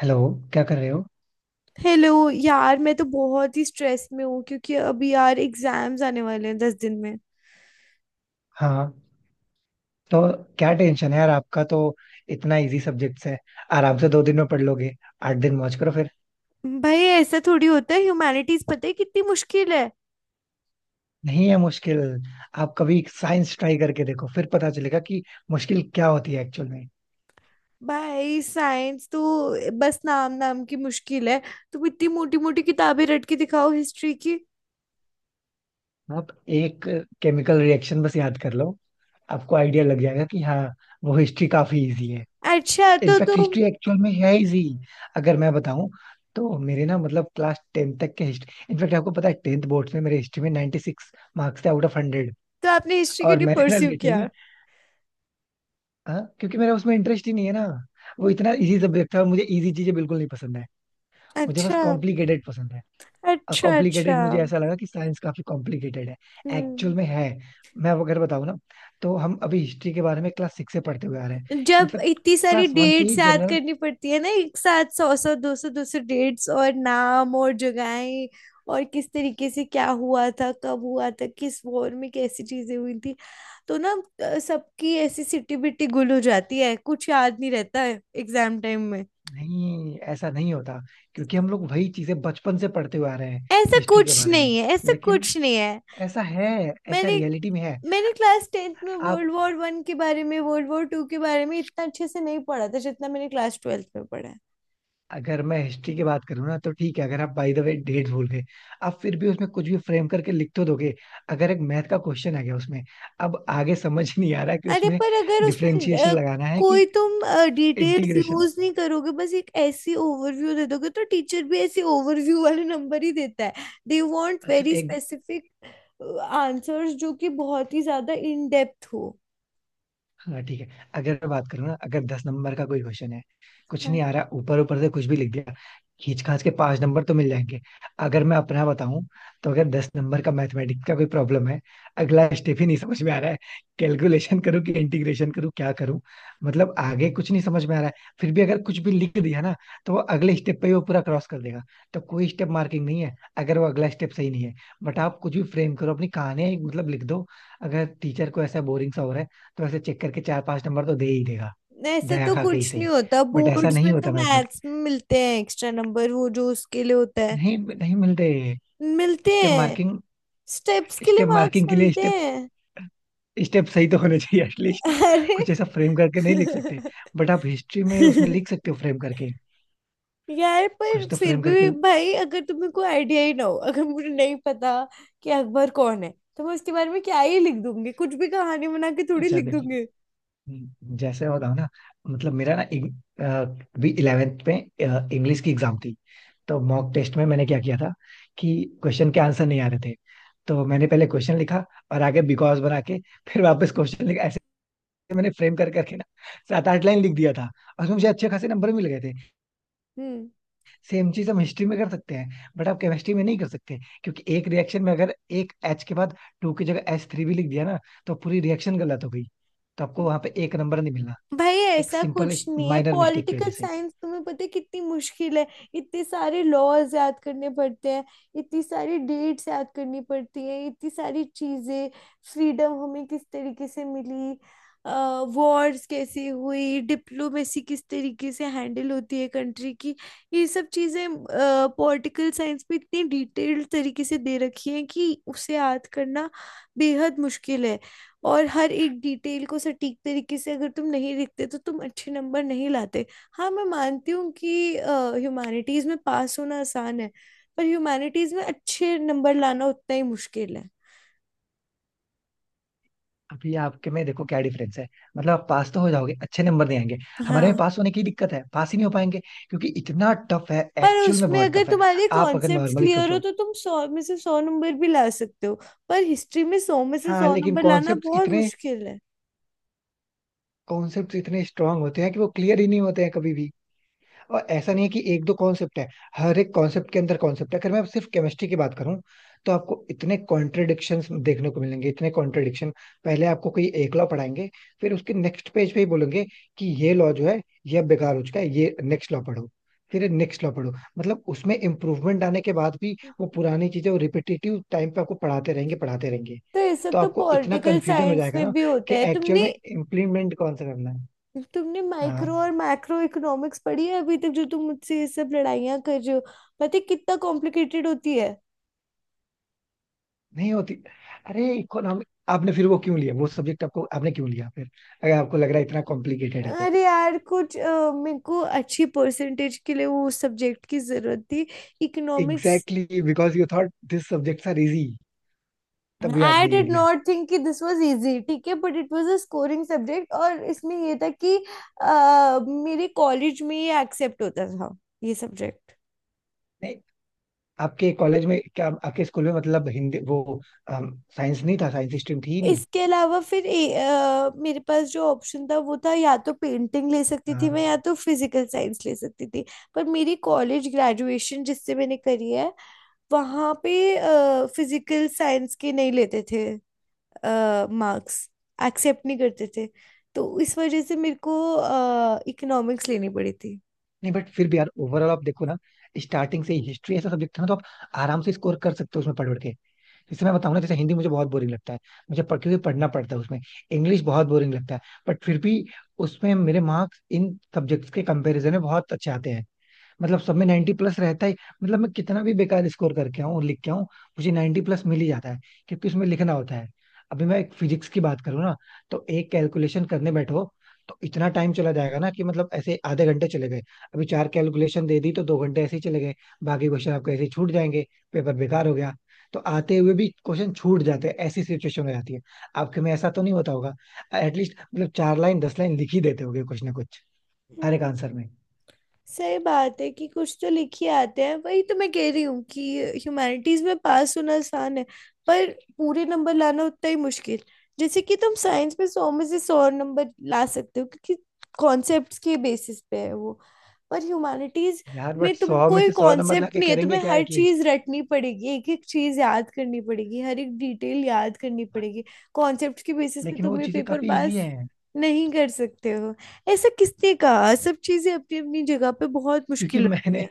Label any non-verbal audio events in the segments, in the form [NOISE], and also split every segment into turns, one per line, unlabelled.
Hello. क्या कर रहे हो?
हेलो यार, मैं तो बहुत ही स्ट्रेस में हूँ क्योंकि अभी यार एग्जाम्स आने वाले हैं 10 दिन में।
हाँ, तो क्या टेंशन है यार आपका, तो इतना इजी सब्जेक्ट्स है। आराम से 2 दिन में पढ़ लोगे, 8 दिन मौज करो फिर।
भाई ऐसा थोड़ी होता है, ह्यूमैनिटीज पता है कितनी मुश्किल है।
नहीं है मुश्किल। आप कभी साइंस ट्राई करके देखो, फिर पता चलेगा कि मुश्किल क्या होती है एक्चुअल में।
भाई साइंस तो बस नाम नाम की मुश्किल है। तुम इतनी मोटी मोटी किताबें रट के दिखाओ हिस्ट्री की।
आप एक केमिकल रिएक्शन बस याद कर लो, आपको आइडिया लग जाएगा कि हाँ, वो हिस्ट्री काफी इजी है।
अच्छा तो
इनफैक्ट
तुम,
हिस्ट्री एक्चुअल में है इजी, अगर मैं बताऊं। तो मेरे ना, मतलब क्लास टेंथ तक के हिस्ट्री, इनफैक्ट आपको पता है टेंथ बोर्ड में मेरे हिस्ट्री में 96 मार्क्स थे आउट ऑफ 100।
तो आपने हिस्ट्री क्यों
और
नहीं
मैंने ना
परस्यू किया?
लिटरली, हाँ, क्योंकि मेरा उसमें इंटरेस्ट ही नहीं है ना। वो इतना इजी सब्जेक्ट था, मुझे इजी चीजें बिल्कुल नहीं पसंद है। मुझे बस
अच्छा,
कॉम्प्लिकेटेड पसंद है। और
अच्छा, अच्छा।
कॉम्प्लिकेटेड मुझे ऐसा लगा कि साइंस काफी कॉम्प्लिकेटेड है, एक्चुअल
हम्म।
में है। मैं अब अगर बताऊँ ना, तो हम अभी हिस्ट्री के बारे में क्लास सिक्स से पढ़ते हुए आ रहे हैं।
जब
इनफैक्ट
इतनी सारी
क्लास वन से ही
डेट्स याद
जनरल।
करनी पड़ती है ना, एक साथ सौ सौ दो सौ दो सौ डेट्स और नाम और जगहें, और किस तरीके से क्या हुआ था, कब हुआ था, किस वॉर में कैसी चीजें हुई थी, तो ना सबकी ऐसी सिटी बिटी गुल हो जाती है, कुछ याद नहीं रहता है एग्जाम टाइम में।
नहीं, ऐसा नहीं होता, क्योंकि हम लोग वही चीजें बचपन से पढ़ते हुए आ रहे हैं
ऐसा
हिस्ट्री के
कुछ
बारे में।
नहीं है, ऐसा
लेकिन
कुछ नहीं है।
ऐसा है, ऐसा
मैंने
रियलिटी में है।
मैंने क्लास 10th में
आप,
वर्ल्ड वॉर 1 के बारे में, वर्ल्ड वॉर 2 के बारे में इतना अच्छे से नहीं पढ़ा था जितना मैंने क्लास 12th में पढ़ा है।
अगर मैं हिस्ट्री की बात करूँ ना, तो ठीक है, अगर आप बाय द वे डेट भूल गए, आप फिर भी उसमें कुछ भी फ्रेम करके लिख तो दोगे। अगर एक मैथ का क्वेश्चन आ गया उसमें, अब आगे समझ [LAUGHS] ही नहीं आ रहा कि
अरे
उसमें
पर अगर उसमें
डिफरेंशिएशन लगाना है कि
कोई तुम डिटेल्स
इंटीग्रेशन।
यूज नहीं करोगे, बस एक ऐसी ओवरव्यू दे दोगे, तो टीचर भी ऐसे ओवरव्यू वाले नंबर ही देता है। दे वांट
अच्छा,
वेरी
एक,
स्पेसिफिक आंसर्स जो कि बहुत ही ज्यादा इन डेप्थ हो।
हाँ ठीक है। अगर मैं बात करूँ ना, अगर 10 नंबर का कोई क्वेश्चन है, कुछ
हाँ।
नहीं आ रहा, ऊपर ऊपर से कुछ भी लिख दिया, खींच खाच के पांच नंबर तो मिल जाएंगे। अगर मैं अपना बताऊं, तो अगर 10 नंबर का मैथमेटिक्स का कोई प्रॉब्लम है, अगला स्टेप ही नहीं समझ में आ रहा है, कैलकुलेशन करूँ कि इंटीग्रेशन करूँ, क्या करूँ, मतलब आगे कुछ नहीं समझ में आ रहा है। फिर भी अगर कुछ भी लिख दिया ना, तो वो अगले स्टेप पे ही वो पूरा क्रॉस कर देगा। तो कोई स्टेप मार्किंग नहीं है अगर वो अगला स्टेप सही नहीं है। बट आप कुछ भी फ्रेम करो, अपनी कहानी मतलब लिख दो, अगर टीचर को ऐसा बोरिंग सा हो रहा है, तो ऐसे चेक करके चार पांच नंबर तो दे ही देगा,
ऐसे
दया
तो
खा के ही
कुछ नहीं
सही।
होता,
बट ऐसा
बोर्ड्स
नहीं
में तो
होता मैथमेटिक्स,
मैथ्स में मिलते हैं एक्स्ट्रा नंबर, वो जो उसके लिए होता है।
नहीं नहीं मिलते।
मिलते
स्टेप
हैं,
मार्किंग,
स्टेप्स के लिए
स्टेप
मार्क्स
मार्किंग के लिए
मिलते
स्टेप,
हैं।
स्टेप सही तो होने चाहिए एटलीस्ट।
[LAUGHS]
कुछ
अरे।
ऐसा फ्रेम करके नहीं लिख सकते। बट आप हिस्ट्री में उसमें लिख
[LAUGHS]
सकते हो फ्रेम करके,
यार पर
कुछ तो
फिर
फ्रेम करके।
भी भाई, अगर तुम्हें कोई आइडिया ही ना हो, अगर मुझे नहीं पता कि अकबर कौन है, तो मैं उसके बारे में क्या ही लिख दूंगी, कुछ भी कहानी बना के थोड़ी
अच्छा
लिख
देखो,
दूंगी।
जैसे मैं बताऊँ ना, मतलब मेरा ना, अ, भी इलेवेंथ में इंग्लिश की एग्जाम थी, तो मॉक टेस्ट में मैंने क्या किया था कि क्वेश्चन के आंसर नहीं आ रहे थे। तो मैंने पहले क्वेश्चन लिखा और आगे बिकॉज बना के, फिर वापस क्वेश्चन लिखा, ऐसे मैंने फ्रेम कर करके ना सात आठ लाइन लिख दिया था, और उसमें मुझे अच्छे खासे नंबर मिल गए थे।
हम्म।
सेम चीज हम हिस्ट्री में कर सकते हैं, बट आप केमिस्ट्री में नहीं कर सकते, क्योंकि एक रिएक्शन में अगर एक एच के बाद टू की जगह एच थ्री भी लिख दिया ना, तो पूरी रिएक्शन गलत हो गई, तो आपको वहां पे एक नंबर नहीं मिलना,
भाई
एक
ऐसा
सिंपल
कुछ
एक
नहीं है,
माइनर मिस्टेक की वजह
पॉलिटिकल
से।
साइंस तुम्हें पता है कितनी मुश्किल है। इतने सारे लॉज याद करने पड़ते हैं, इतनी सारी डेट्स याद करनी पड़ती है, इतनी सारी चीजें, फ्रीडम हमें किस तरीके से मिली, वॉर्स कैसे हुई, डिप्लोमेसी किस तरीके से हैंडल होती है कंट्री की, ये सब चीजें पॉलिटिकल साइंस में इतनी डिटेल्ड तरीके से दे रखी हैं कि उसे याद करना बेहद मुश्किल है। और हर एक डिटेल को सटीक तरीके से अगर तुम नहीं लिखते तो तुम अच्छे नंबर नहीं लाते। हाँ, मैं मानती हूँ कि ह्यूमैनिटीज में पास होना आसान है, पर ह्यूमैनिटीज में अच्छे नंबर लाना उतना ही मुश्किल है।
अभी आपके में देखो क्या डिफरेंस है, मतलब आप पास तो हो जाओगे, अच्छे नंबर नहीं आएंगे। हमारे में
हाँ।
पास होने की दिक्कत है, पास ही नहीं हो पाएंगे, क्योंकि इतना टफ है,
पर
एक्चुअल में
उसमें
बहुत
अगर
टफ है।
तुम्हारे
आप अगर
कॉन्सेप्ट्स
नॉर्मली
क्लियर हो
सोचो।
तो तुम सौ में से सौ नंबर भी ला सकते हो। पर हिस्ट्री में सौ में से
हाँ
सौ
लेकिन
नंबर लाना बहुत मुश्किल है।
कॉन्सेप्ट इतने स्ट्रांग होते हैं कि वो क्लियर ही नहीं होते हैं कभी भी। और ऐसा नहीं है कि एक दो कॉन्सेप्ट है, हर एक कॉन्सेप्ट के अंदर कॉन्सेप्ट है। अगर मैं सिर्फ केमिस्ट्री की बात करूं, तो आपको इतने कॉन्ट्रडिक्शन देखने को मिलेंगे, इतने कॉन्ट्रडिक्शन। पहले आपको कोई एक लॉ पढ़ाएंगे, फिर उसके नेक्स्ट पेज पे ही बोलेंगे कि ये लॉ जो है, ये अब बेकार हो चुका है, ये नेक्स्ट लॉ पढ़ो, फिर नेक्स्ट लॉ पढ़ो। मतलब उसमें इम्प्रूवमेंट आने के बाद भी वो पुरानी चीजें, वो रिपीटेटिव टाइम पे आपको पढ़ाते रहेंगे, पढ़ाते रहेंगे,
तो ये सब
तो
तो
आपको इतना
पॉलिटिकल
कंफ्यूजन हो
साइंस
जाएगा
में
ना
भी होता
कि
है।
एक्चुअल
तुमने
में इम्प्लीमेंट कौन सा करना है।
तुमने माइक्रो और
हाँ,
मैक्रो इकोनॉमिक्स पढ़ी है अभी तक जो तुम मुझसे ये सब लड़ाइयाँ कर रहे हो, पता है कितना कॉम्प्लिकेटेड होती है।
नहीं होती। अरे इकोनॉमिक आपने फिर वो क्यों लिया, वो सब्जेक्ट आपको, आपने क्यों लिया फिर, अगर आपको लग रहा है इतना कॉम्प्लिकेटेड है तो।
अरे यार, कुछ मेरे को अच्छी परसेंटेज के लिए वो सब्जेक्ट की जरूरत थी, economics.
Exactly, because you thought this subjects are easy, तभी
आई
आपने ये
डिड
लिया।
नॉट थिंक कि दिस वाज इजी, ठीक है, but it was a scoring subject, और इसमें ये था कि मेरे कॉलेज में ये एक्सेप्ट होता था, ये सब्जेक्ट।
नहीं, आपके कॉलेज में क्या, आपके स्कूल में मतलब, हिंदी वो, साइंस नहीं था, साइंस स्ट्रीम थी ही नहीं।
इसके अलावा फिर मेरे पास जो ऑप्शन था वो था, या तो पेंटिंग ले सकती
हाँ।
थी मैं, या तो फिजिकल साइंस ले सकती थी। पर मेरी कॉलेज ग्रेजुएशन जिससे मैंने करी है, वहाँ पे फिजिकल साइंस के नहीं लेते थे मार्क्स, एक्सेप्ट नहीं करते थे। तो इस वजह से मेरे को इकोनॉमिक्स लेनी पड़ी थी।
नहीं बट फिर भी यार, ओवरऑल आप देखो ना, स्टार्टिंग से ही हिस्ट्री ऐसा सब्जेक्ट था ना, तो आप आराम से स्कोर कर सकते हो उसमें पढ़ पढ़ के। जैसे मैं बताऊँ ना, जैसे हिंदी मुझे बहुत बोरिंग लगता है, मुझे पढ़, क्योंकि पढ़ना पड़ता है उसमें। इंग्लिश बहुत बोरिंग लगता है, बट फिर भी उसमें मेरे मार्क्स इन सब्जेक्ट्स के कंपैरिजन में बहुत अच्छे आते हैं। मतलब सब में 90 प्लस रहता ही, मतलब मैं कितना भी बेकार स्कोर करके आऊँ, लिख के आऊँ, मुझे 90 प्लस मिल ही जाता है, क्योंकि उसमें लिखना होता है। अभी मैं एक फिजिक्स की बात करूँ ना, तो एक कैलकुलेशन करने बैठो, तो इतना टाइम चला जाएगा ना, कि मतलब ऐसे आधे घंटे चले गए, अभी चार कैलकुलेशन दे दी, तो 2 घंटे ऐसे ही चले गए, बाकी क्वेश्चन आपके ऐसे ही छूट जाएंगे, पेपर बेकार हो गया। तो आते हुए भी क्वेश्चन छूट जाते हैं, ऐसी सिचुएशन हो जाती है। आपके में ऐसा तो नहीं होता होगा, एटलीस्ट मतलब चार लाइन, 10 लाइन लिख ही देते होगे कुछ ना कुछ हर एक आंसर में।
सही बात है कि कुछ तो लिख ही आते हैं, वही तो मैं कह रही हूँ कि ह्यूमैनिटीज में पास होना आसान है, पर पूरे नंबर लाना उतना ही मुश्किल। जैसे कि तुम साइंस में सौ में से सौ नंबर ला सकते हो क्योंकि कॉन्सेप्ट्स के बेसिस पे है वो। पर ह्यूमैनिटीज
यार,
में
बट
तुम
सौ में
कोई
से सौ नंबर
कॉन्सेप्ट
लाके
नहीं है,
करेंगे
तुम्हें
क्या
हर
एटलीस्ट।
चीज रटनी पड़ेगी, एक एक चीज याद करनी पड़ेगी, हर एक डिटेल याद करनी पड़ेगी। कॉन्सेप्ट के बेसिस पे
लेकिन वो
तुम ये
चीजें
पेपर
काफी इजी
पास
हैं,
नहीं कर सकते हो। ऐसा किसने कहा, सब चीजें अपनी अपनी जगह पे बहुत
क्योंकि
मुश्किल
[LAUGHS]
होती
मैंने
है।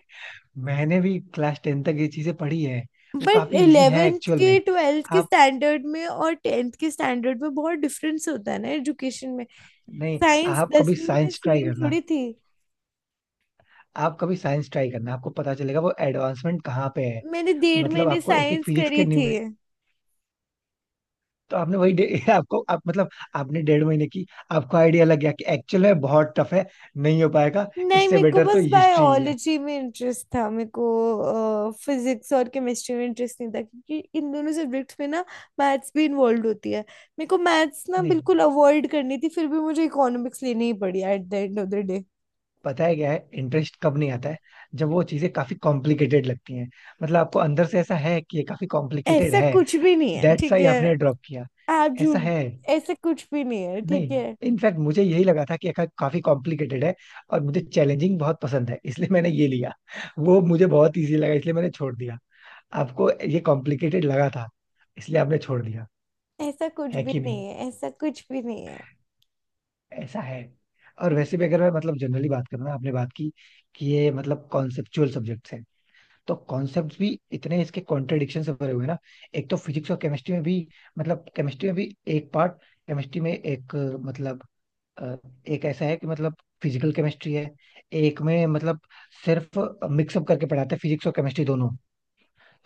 मैंने भी क्लास 10 तक ये चीजें पढ़ी हैं। वो
बट
काफी इजी हैं
11th
एक्चुअल में।
के 12th के
आप,
स्टैंडर्ड में और 10th के स्टैंडर्ड में बहुत डिफरेंस होता है ना एजुकेशन में।
नहीं,
साइंस
आप कभी
10वीं में
साइंस ट्राई
सेम
करना,
थोड़ी थी।
आप कभी साइंस ट्राई करना, आपको पता चलेगा वो एडवांसमेंट कहाँ पे है।
मैंने डेढ़
मतलब
महीने
आपको एक एक
साइंस
फिजिक्स के
करी
न्यू
थी।
में, तो आपने वही [LAUGHS] आपको आप मतलब, आपने डेढ़ महीने की, आपको आइडिया लग गया कि एक्चुअल में बहुत टफ है, नहीं हो पाएगा।
नहीं,
इससे
मेरे को
बेटर तो
बस
हिस्ट्री ही है।
बायोलॉजी में इंटरेस्ट था, मेरे को फिजिक्स और केमिस्ट्री में इंटरेस्ट नहीं था क्योंकि इन दोनों सब्जेक्ट्स में ना मैथ्स भी इन्वॉल्व होती है। मेरे को मैथ्स ना
नहीं,
बिल्कुल अवॉइड करनी थी, फिर भी मुझे इकोनॉमिक्स लेनी ही पड़ी at the end of the day.
पता है क्या है? इंटरेस्ट कब नहीं आता है? जब वो चीजें काफी कॉम्प्लिकेटेड लगती हैं, मतलब आपको अंदर से ऐसा है कि ये काफी कॉम्प्लिकेटेड
ऐसा
है,
कुछ भी नहीं है,
दैट्स
ठीक
व्हाई
है।
आपने ड्रॉप किया।
आप
ऐसा
झूठ।
है,
ऐसा कुछ भी नहीं है, ठीक
नहीं,
है।
इनफैक्ट मुझे यही लगा था कि ये काफी कॉम्प्लिकेटेड है, और मुझे चैलेंजिंग बहुत पसंद है, इसलिए मैंने ये लिया। वो मुझे बहुत इजी लगा, इसलिए मैंने छोड़ दिया। आपको ये कॉम्प्लिकेटेड लगा था, इसलिए आपने छोड़ दिया।
ऐसा कुछ
है
भी
कि नहीं,
नहीं है, ऐसा कुछ भी नहीं है।
ऐसा है। और वैसे भी, अगर मैं मतलब जनरली बात करूँ ना, आपने बात की कि ये मतलब कॉन्सेप्चुअल सब्जेक्ट्स है, तो कॉन्सेप्ट्स भी इतने इसके कॉन्ट्रडिक्शन से भरे हुए हैं ना। एक तो फिजिक्स और केमिस्ट्री में भी, मतलब केमिस्ट्री में भी एक पार्ट, केमिस्ट्री में एक, मतलब अ, एक ऐसा है कि, मतलब फिजिकल केमिस्ट्री है, एक में मतलब सिर्फ मिक्सअप करके पढ़ाते हैं फिजिक्स और केमिस्ट्री दोनों।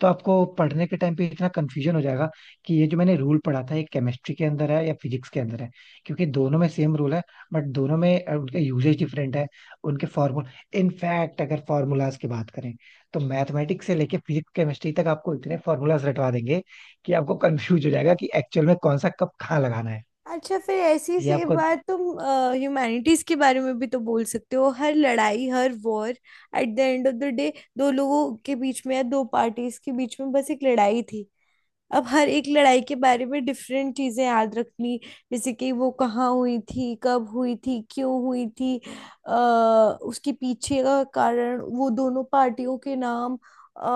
तो आपको पढ़ने के टाइम पे इतना कंफ्यूजन हो जाएगा कि ये जो मैंने रूल पढ़ा था, ये केमिस्ट्री के अंदर है या फिजिक्स के अंदर है, क्योंकि दोनों में सेम रूल है, बट दोनों में उनका यूजेज डिफरेंट है, उनके फॉर्मूल। इनफैक्ट अगर फॉर्मूलाज की बात करें, तो मैथमेटिक्स से लेके फिजिक्स केमिस्ट्री तक आपको इतने फॉर्मूलाज रटवा देंगे कि आपको कंफ्यूज हो जाएगा कि एक्चुअल में कौन सा कब कहाँ लगाना है।
अच्छा, फिर ऐसी
ये
से
आपको,
बात तुम ह्यूमैनिटीज के बारे में भी तो बोल सकते हो। हर लड़ाई, हर war at the end of the day दो लोगों के बीच में या दो पार्टीज के बीच में बस एक लड़ाई थी। अब हर एक लड़ाई के बारे में डिफरेंट चीजें याद रखनी, जैसे कि वो कहाँ हुई थी, कब हुई थी, क्यों हुई थी, अ, उसके पीछे का कारण, वो दोनों पार्टियों के नाम, अ,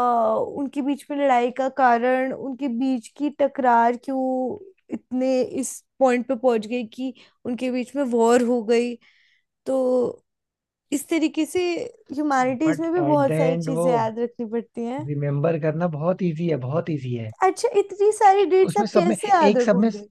उनके बीच में लड़ाई का कारण, उनके बीच की टकरार क्यों इतने इस पॉइंट पे पहुंच गई कि उनके बीच में वॉर हो गई। तो इस तरीके से ह्यूमैनिटीज
बट
में भी
एट द
बहुत सारी
एंड वो
चीजें याद रखनी पड़ती हैं।
रिमेम्बर करना बहुत इजी है, बहुत इजी है,
अच्छा, इतनी सारी
क्योंकि
डेट्स
उसमें
आप
सब में,
कैसे याद
एक सब में
रखोगे?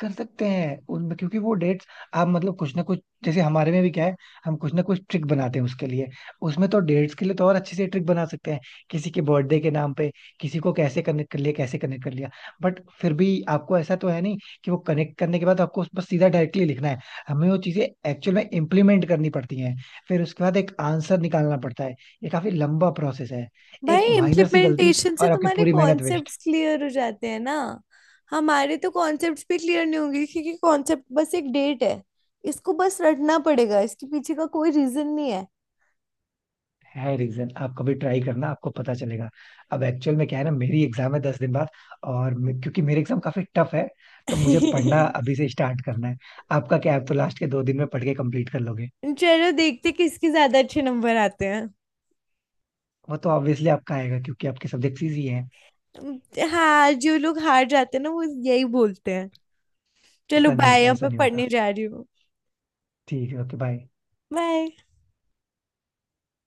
कर सकते हैं उनमें, क्योंकि वो डेट्स, आप मतलब कुछ ना कुछ, जैसे हमारे में भी क्या है, हम कुछ ना कुछ ट्रिक बनाते हैं उसके लिए, उसमें तो डेट्स के लिए तो और अच्छे से ट्रिक बना सकते हैं, किसी के बर्थडे के नाम पे, किसी को, कैसे कनेक्ट कर लिया, कैसे कनेक्ट कर लिया। बट फिर भी आपको ऐसा तो है नहीं कि वो कनेक्ट करने के बाद आपको बस सीधा डायरेक्टली लिखना है। हमें वो चीजें एक्चुअल में इम्प्लीमेंट करनी पड़ती हैं, फिर उसके बाद एक आंसर निकालना पड़ता है, ये काफी लंबा प्रोसेस है। एक
भाई
माइनर सी गलती,
इम्प्लीमेंटेशन से
और आपकी
तुम्हारे
पूरी मेहनत वेस्ट।
कॉन्सेप्ट्स क्लियर हो जाते हैं ना। हमारे तो कॉन्सेप्ट्स भी क्लियर नहीं होंगे क्योंकि कॉन्सेप्ट बस एक डेट है, इसको बस रटना पड़ेगा, इसके पीछे का कोई रीजन नहीं है।
है रीजन, आप कभी ट्राई करना, आपको पता चलेगा। अब एक्चुअल में क्या है ना, मेरी एग्जाम है 10 दिन बाद, और क्योंकि मेरे एग्जाम काफी टफ है, तो मुझे पढ़ना
[LAUGHS]
अभी से स्टार्ट करना है। आपका क्या है, आप तो लास्ट के 2 दिन में पढ़ के कंप्लीट कर लोगे।
चलो, देखते किसके ज्यादा अच्छे नंबर आते हैं।
वो तो ऑब्वियसली आपका आएगा, क्योंकि आपके सब्जेक्ट्स इजी हैं।
हाँ, जो लोग हार जाते हैं ना वो यही बोलते हैं। चलो
ऐसा नहीं
बाय,
होता,
अब
ऐसा
मैं
नहीं होता।
पढ़ने जा रही हूँ।
ठीक है, ओके, बाय।
बाय।